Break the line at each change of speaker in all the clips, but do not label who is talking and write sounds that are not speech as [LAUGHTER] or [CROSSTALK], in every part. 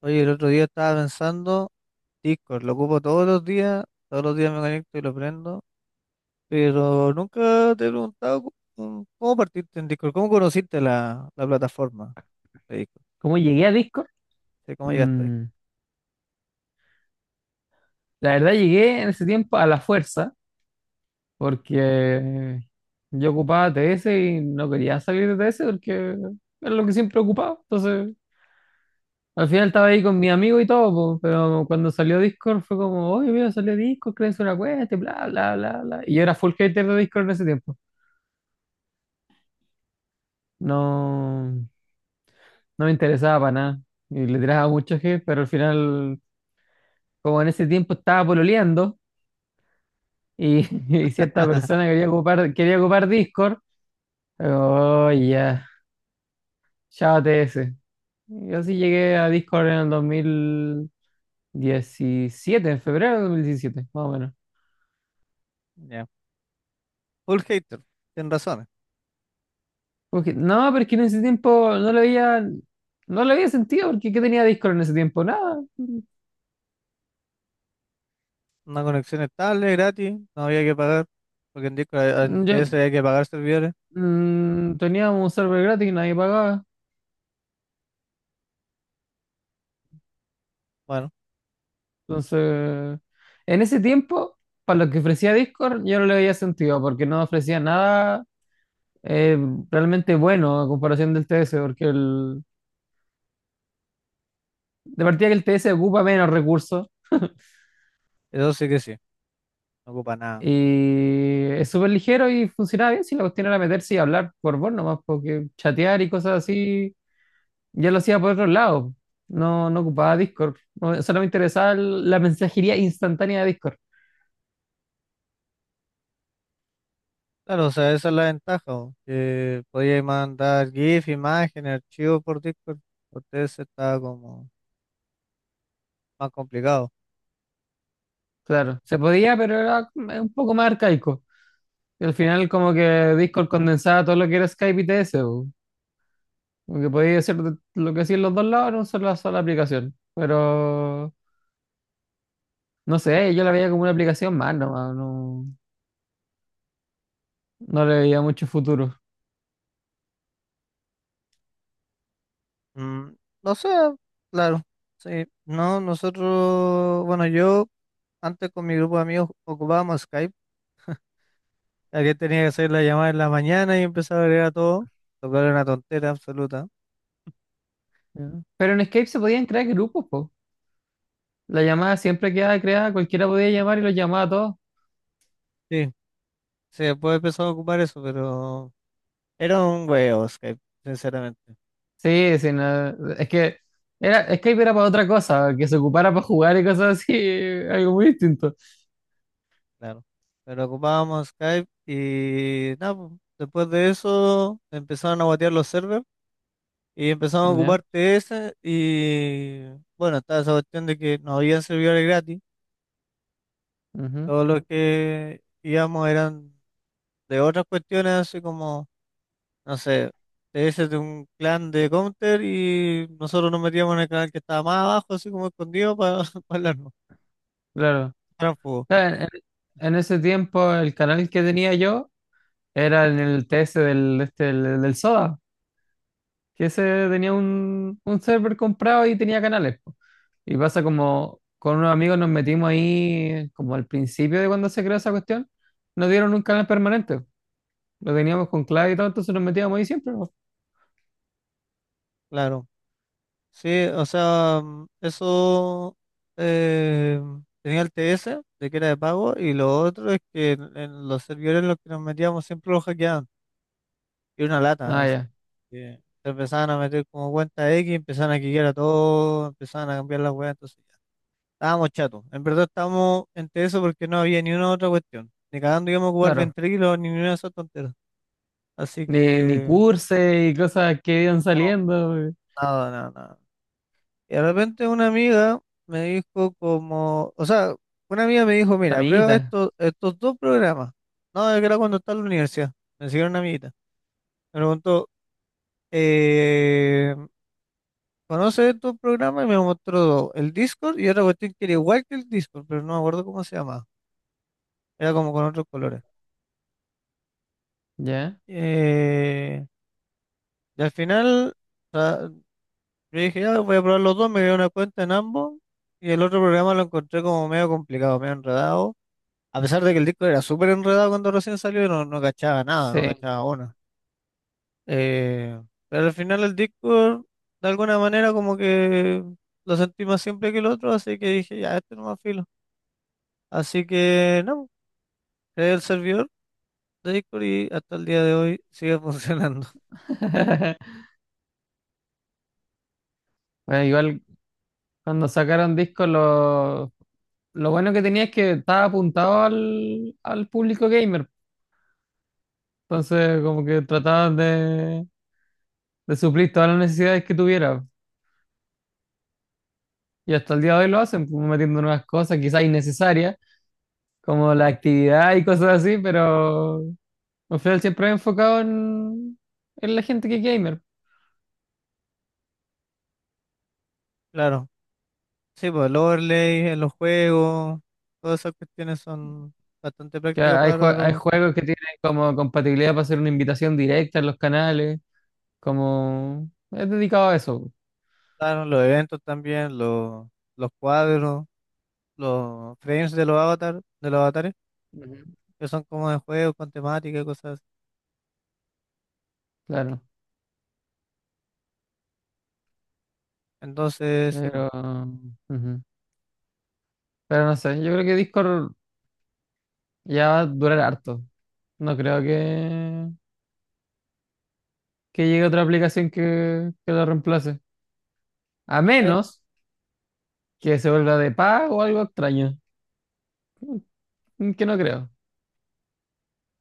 Oye, el otro día estaba pensando, Discord, lo ocupo todos los días me conecto y lo prendo, pero nunca te he preguntado cómo partiste en Discord, cómo conociste la plataforma de Discord.
¿Cómo llegué a Discord?
Sí, cómo llegaste ahí.
Mm, la verdad llegué en ese tiempo a la fuerza, porque yo ocupaba TS y no quería salir de TS porque era lo que siempre ocupaba. Entonces, al final estaba ahí con mi amigo y todo, po, pero cuando salió Discord fue como, oye, mira, salió Discord, créense una cuenta, y bla, bla, bla, bla. Y yo era full hater de Discord en ese tiempo. No, no me interesaba para nada. Y le tiraba mucho hate, pero al final, como en ese tiempo estaba pololeando. y, [LAUGHS] y cierta
[LAUGHS]
persona quería ocupar Discord. Oh, ya, chao TS. Yo sí llegué a Discord en el 2017, en febrero del 2017, más o menos.
Ya. Full hater, tienes razones.
Porque, no, pero es que en ese tiempo no lo había sentido, porque ¿qué tenía Discord en ese tiempo? Nada.
Una conexión estable, gratis, no había que pagar, porque en Discord, en
Yo,
TS había que pagar servidores.
teníamos un server gratis y nadie pagaba.
Bueno,
Entonces, en ese tiempo, para lo que ofrecía Discord, yo no le había sentido, porque no ofrecía nada eh, realmente bueno a comparación del T S porque de partida que el T S ocupa menos recursos
eso sí que sí, no ocupa nada.
y es súper ligero y funciona bien si la cuestión era meterse y hablar por voz nomás, porque chatear y cosas así ya lo hacía por otro lado. No, no ocupaba Discord, no, solo me interesaba la mensajería instantánea de Discord.
Claro, o sea, esa es la ventaja, po, que podíais mandar GIF, imágenes, archivos por Discord. Por TS está como más complicado.
Claro, se podía, pero era un poco más arcaico. Y al final como que Discord condensaba todo lo que era Skype y TS. Po. Como que podéis hacer lo que hacían los dos lados en una sola aplicación. Pero no sé, yo la veía como una aplicación más nomás, no le veía mucho futuro.
Mm, no sé, claro, sí. No, nosotros, bueno, yo antes con mi grupo de amigos ocupábamos Skype, ya que tenía que hacer la llamada en la mañana y empezaba a agregar a todo, lo cual era una tontera absoluta.
Ya. Pero en Escape se podían crear grupos, po. La llamada siempre quedaba creada, cualquiera podía llamar y los llamaba a todos.
Sí, sí, después empezó a ocupar eso, pero era un huevo Skype, sinceramente.
Sí, sí, no, es que Escape era para otra cosa, que se ocupara para jugar y cosas así, [LAUGHS] algo muy distinto.
Claro. Pero ocupábamos Skype y nada, pues, después de eso empezaron a guatear los servers y empezaron a
Ya,
ocupar TS y bueno, estaba esa cuestión de que no habían servidores gratis,
ujú,
todos los que íbamos eran de otras cuestiones, así como, no sé, TS de un clan de Counter y nosotros nos metíamos en el canal que estaba más abajo, así como escondido para [LAUGHS] hablarnos,
claro.
tránsfugo,
Claro. En ese tiempo el canal que tenía yo era en el TS del, este, del del Soda. Que ese tenía un server comprado y tenía canales. Po. Y pasa como con unos amigos nos metimos ahí, como al principio de cuando se creó esa cuestión, nos dieron un canal permanente. Lo teníamos con clave y todo, entonces nos metíamos ahí siempre. Po.
claro. Sí, o sea, eso eh, tenía el TS de que era de pago y lo otro es que en los servidores en los que nos metíamos siempre lo hackeaban y era una lata,
Ah,
así
ya,
que se empezaban a meter como cuenta X, empezaban a hackear a todo, empezaban a cambiar las weas, entonces ya, estábamos chatos, en verdad estábamos en TS porque no había ni una otra cuestión, ni cagando íbamos a jugar
claro.
ventrilos ni ninguna de esas tonteras, así
Ni
que
cursos y cosas que iban
no,
saliendo.
nada, nada, nada. Y de repente una amiga me dijo como, o sea, una amiga me dijo, mira, prueba
Amiguitas,
estos dos programas. No, es que era cuando estaba en la universidad. Me siguió una amiguita. Me preguntó, eh, ¿conoces estos programas? Y me mostró dos, el Discord y otra cuestión que era igual que el Discord, pero no me acuerdo cómo se llamaba. Era como con otros colores.
ya.
Eh, y al final, o sea, yo dije, ya voy a probar los dos, me creé una cuenta en ambos. Y el otro programa lo encontré como medio complicado, medio enredado. A pesar de que el disco era súper enredado cuando recién salió, no, no cachaba nada, no
Sí.
cachaba una. Eh, pero al final el Discord, de alguna manera, como que lo sentí más simple que el otro, así que dije, ya, este no más filo. Así que, no, creé el servidor de Discord y hasta el día de hoy sigue [LAUGHS] funcionando.
[LAUGHS] Bueno, igual cuando sacaron discos, lo bueno que tenía es que estaba apuntado al público gamer. Entonces, como que trataban de suplir todas las necesidades que tuviera. Y hasta el día de hoy lo hacen, como metiendo nuevas cosas, quizás innecesarias, como la actividad y cosas así, pero al final siempre he enfocado en la gente que es gamer.
Claro, sí, pues el overlay en los juegos, todas esas cuestiones son bastante
Que
prácticas para
hay
los que
juegos
juegan.
que tienen como compatibilidad para hacer una invitación directa en los canales, como es dedicado a eso.
Claro, los eventos también, los cuadros. Los frames de los avatares,
Ujú.
que son como de juegos con temática y cosas así.
Claro.
Entonces, sí,
Pero,
po.
ujú. Pero no sé, yo creo que Discord ya va a durar harto. No creo que llegue otra aplicación que la reemplace. A
Hay,
menos que se vuelva de pago o algo extraño, que no creo.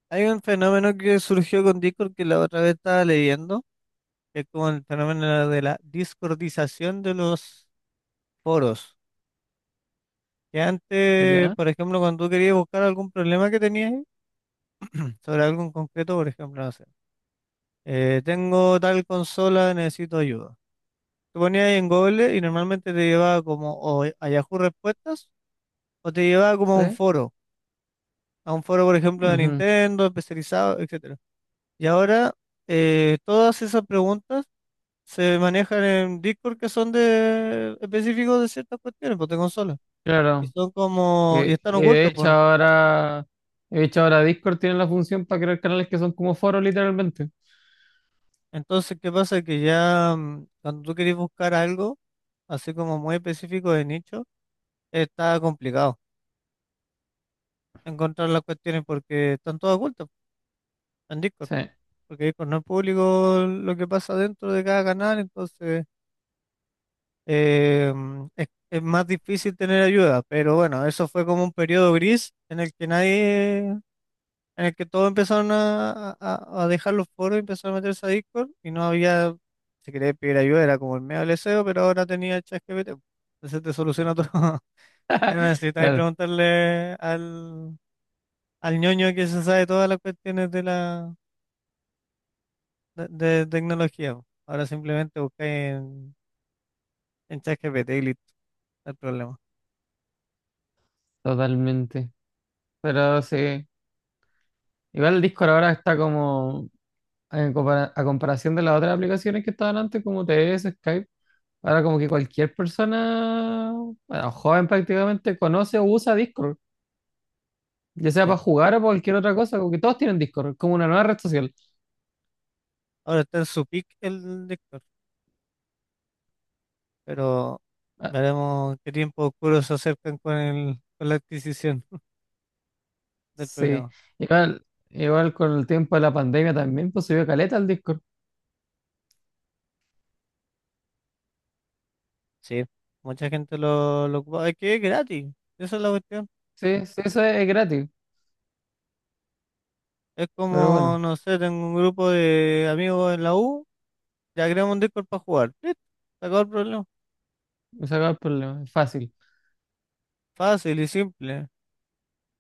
hay un fenómeno que surgió con Discord que la otra vez estaba leyendo, que es como el fenómeno de la discordización de los foros. Que antes,
¿Ya?
por ejemplo, cuando tú querías buscar algún problema que tenías [CLEARS THROAT] sobre algo en concreto, por ejemplo, no sé, tengo tal consola, necesito ayuda. Te ponías ahí en Google y normalmente te llevaba como o a Yahoo Respuestas o te llevaba como a un
¿Sí?
foro a un foro, por ejemplo, de
Ujú.
Nintendo, especializado, etcétera. Y ahora todas esas preguntas se manejan en Discord que son de específicos de ciertas cuestiones, pues, de consolas. Y
Claro.
son como, y
Eh,
están
eh, de
ocultos,
hecho,
pues, ¿no?
ahora, de hecho, ahora, Discord tiene la función para crear canales que son como foros, literalmente.
Entonces, ¿qué pasa? Que ya, cuando tú querés buscar algo, así como muy específico de nicho, está complicado encontrar las cuestiones porque están todas ocultas en Discord.
Sí,
Porque Discord no es público lo que pasa dentro de cada canal, entonces es más difícil tener ayuda, pero bueno, eso fue como un periodo gris en el que nadie, en el que todos empezaron a dejar los foros y empezaron a meterse a Discord y no había, si querías pedir ayuda era como el medio del deseo, pero ahora tenía ChatGPT. Entonces te soluciona todo. [LAUGHS] Ya no necesitas
claro,
preguntarle al ñoño que se sabe todas las cuestiones de tecnología, po. Ahora simplemente buscáis en, ChatGPT y listo, no hay problema.
totalmente. Pero sí, igual el Discord ahora está como, a comparación de las otras aplicaciones que estaban antes, como TS, Skype. Ahora como que cualquier persona, bueno, joven prácticamente, conoce o usa Discord, ya sea
Sí.
para jugar o para cualquier otra cosa, como que todos tienen Discord, es como una nueva red social.
Ahora está en su pick el Lector, pero
Ah,
veremos qué tiempo oscuro se acercan con la adquisición [LAUGHS] del
sí,
programa.
igual, igual con el tiempo de la pandemia también, pues subió caleta al Discord.
Sí, mucha gente lo ocupa. Es que es gratis, esa es la cuestión.
Sí, sí, eso es gratis,
Es
pero
como,
bueno,
no sé, tengo un grupo de amigos en la U, ya creamos un Discord para jugar. Listo, se acabó el problema.
me saca el problema, es fácil.
Fácil y simple.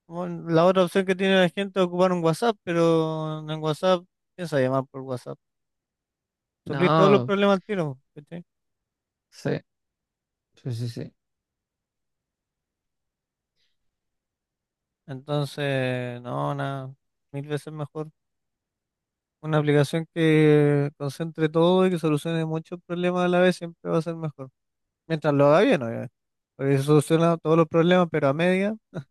Bueno, la otra opción que tiene la gente es ocupar un WhatsApp, pero en WhatsApp, piensa llamar por WhatsApp. Suplir todos los
No,
problemas al tiro, ¿cachai?
sí, sí, sí, sí.
Entonces, no, nada, mil veces mejor. Una aplicación que concentre todo y que solucione muchos problemas a la vez siempre va a ser mejor. Mientras lo haga bien, obviamente. Porque si soluciona todos los problemas, pero a media, [LAUGHS]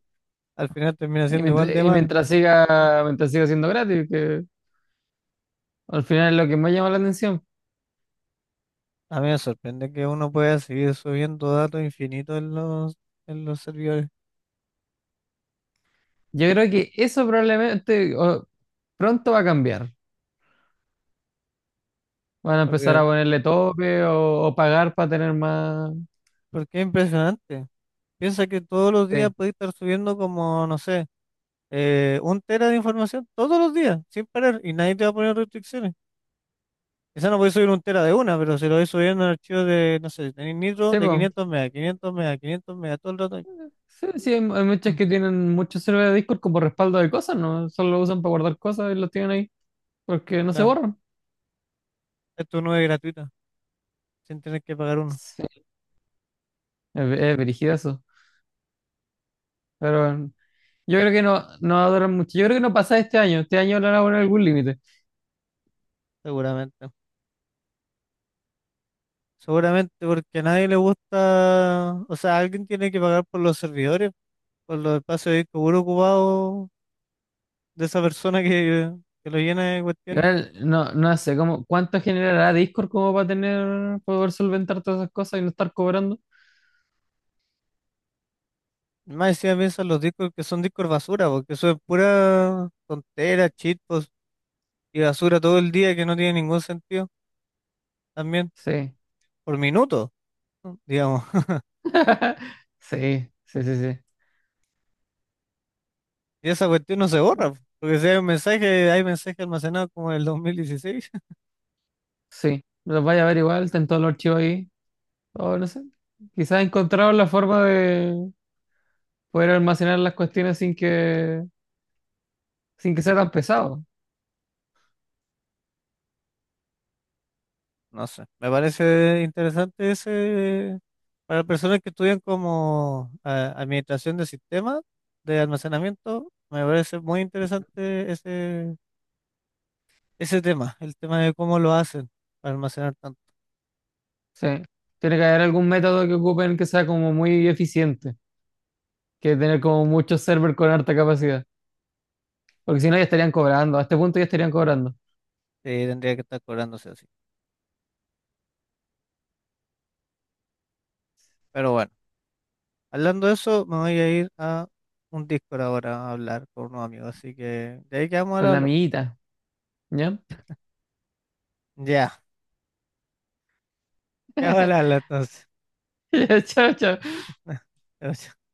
al final termina
Y
siendo
mientras,
igual de
y
malo.
mientras siga, mientras siga siendo gratis, que al final es lo que más llama la atención.
A mí me sorprende que uno pueda seguir subiendo datos infinitos en los servidores.
Yo creo que eso probablemente pronto va a cambiar. Van a empezar a
Porque,
ponerle tope o pagar para tener más.
porque es impresionante. Piensa que todos los días
Sí,
puede estar subiendo como, no sé, un tera de información todos los días, sin parar, y nadie te va a poner restricciones. Quizá no podéis subir un tera de una, pero si lo vais subiendo en archivos de, no sé, tenéis Nitro
sí,
de
po.
500 megas, 500 megas, 500 megas, todo el rato.
Sí, sí, hay muchas
Mm,
que tienen muchos servidores de Discord como respaldo de cosas, ¿no? Solo lo usan para guardar cosas y los tienen ahí porque no se
claro,
borran.
esto no es gratuita, sin tener que pagar uno,
Sí, es brígido eso. Pero bueno, yo creo que no, no va a durar mucho. Yo creo que no pasa este año. Este año le van a poner algún límite.
seguramente. Seguramente porque a nadie le gusta, o sea, alguien tiene que pagar por los servidores, por los espacios de disco duro ocupados de esa persona que lo llena de cuestiones.
Igual, no, no sé cómo, cuánto generará Discord como para tener, poder solventar todas esas cosas y no estar cobrando.
Más encima piensan los discos que son discos basura, porque eso es pura tontera, cheat post y basura todo el día que no tiene ningún sentido también,
Sí,
por minuto. ¿No? Digamos. [LAUGHS]
sí, sí, sí, sí.
Y esa cuestión no se borra, po, porque si hay un mensaje, hay mensaje almacenado como el 2016. [LAUGHS]
Sí, los vaya a ver igual, están todos los archivos ahí. O no sé. Quizás encontraron la forma de poder almacenar las cuestiones sin que sea tan pesado.
No sé, me parece interesante ese para personas que estudian como administración de sistemas de almacenamiento. Me parece muy interesante ese tema, el tema de cómo lo hacen para almacenar tanto.
Sí. Tiene que haber algún método que ocupen que sea como muy eficiente, que tener como muchos servers con alta capacidad. Porque si no, ya estarían cobrando. A este punto ya estarían cobrando.
Sí, tendría que estar cobrándose así. Pero bueno, hablando de eso, me voy a ir a un Discord ahora a hablar con unos amigos. Así que de ahí quedamos
Con
ahora.
la
Hablamos.
amiguita. ¿Ya?
Ya. Ya va la
[LAUGHS]
lata.
Ya, chao, chao.
[LAUGHS]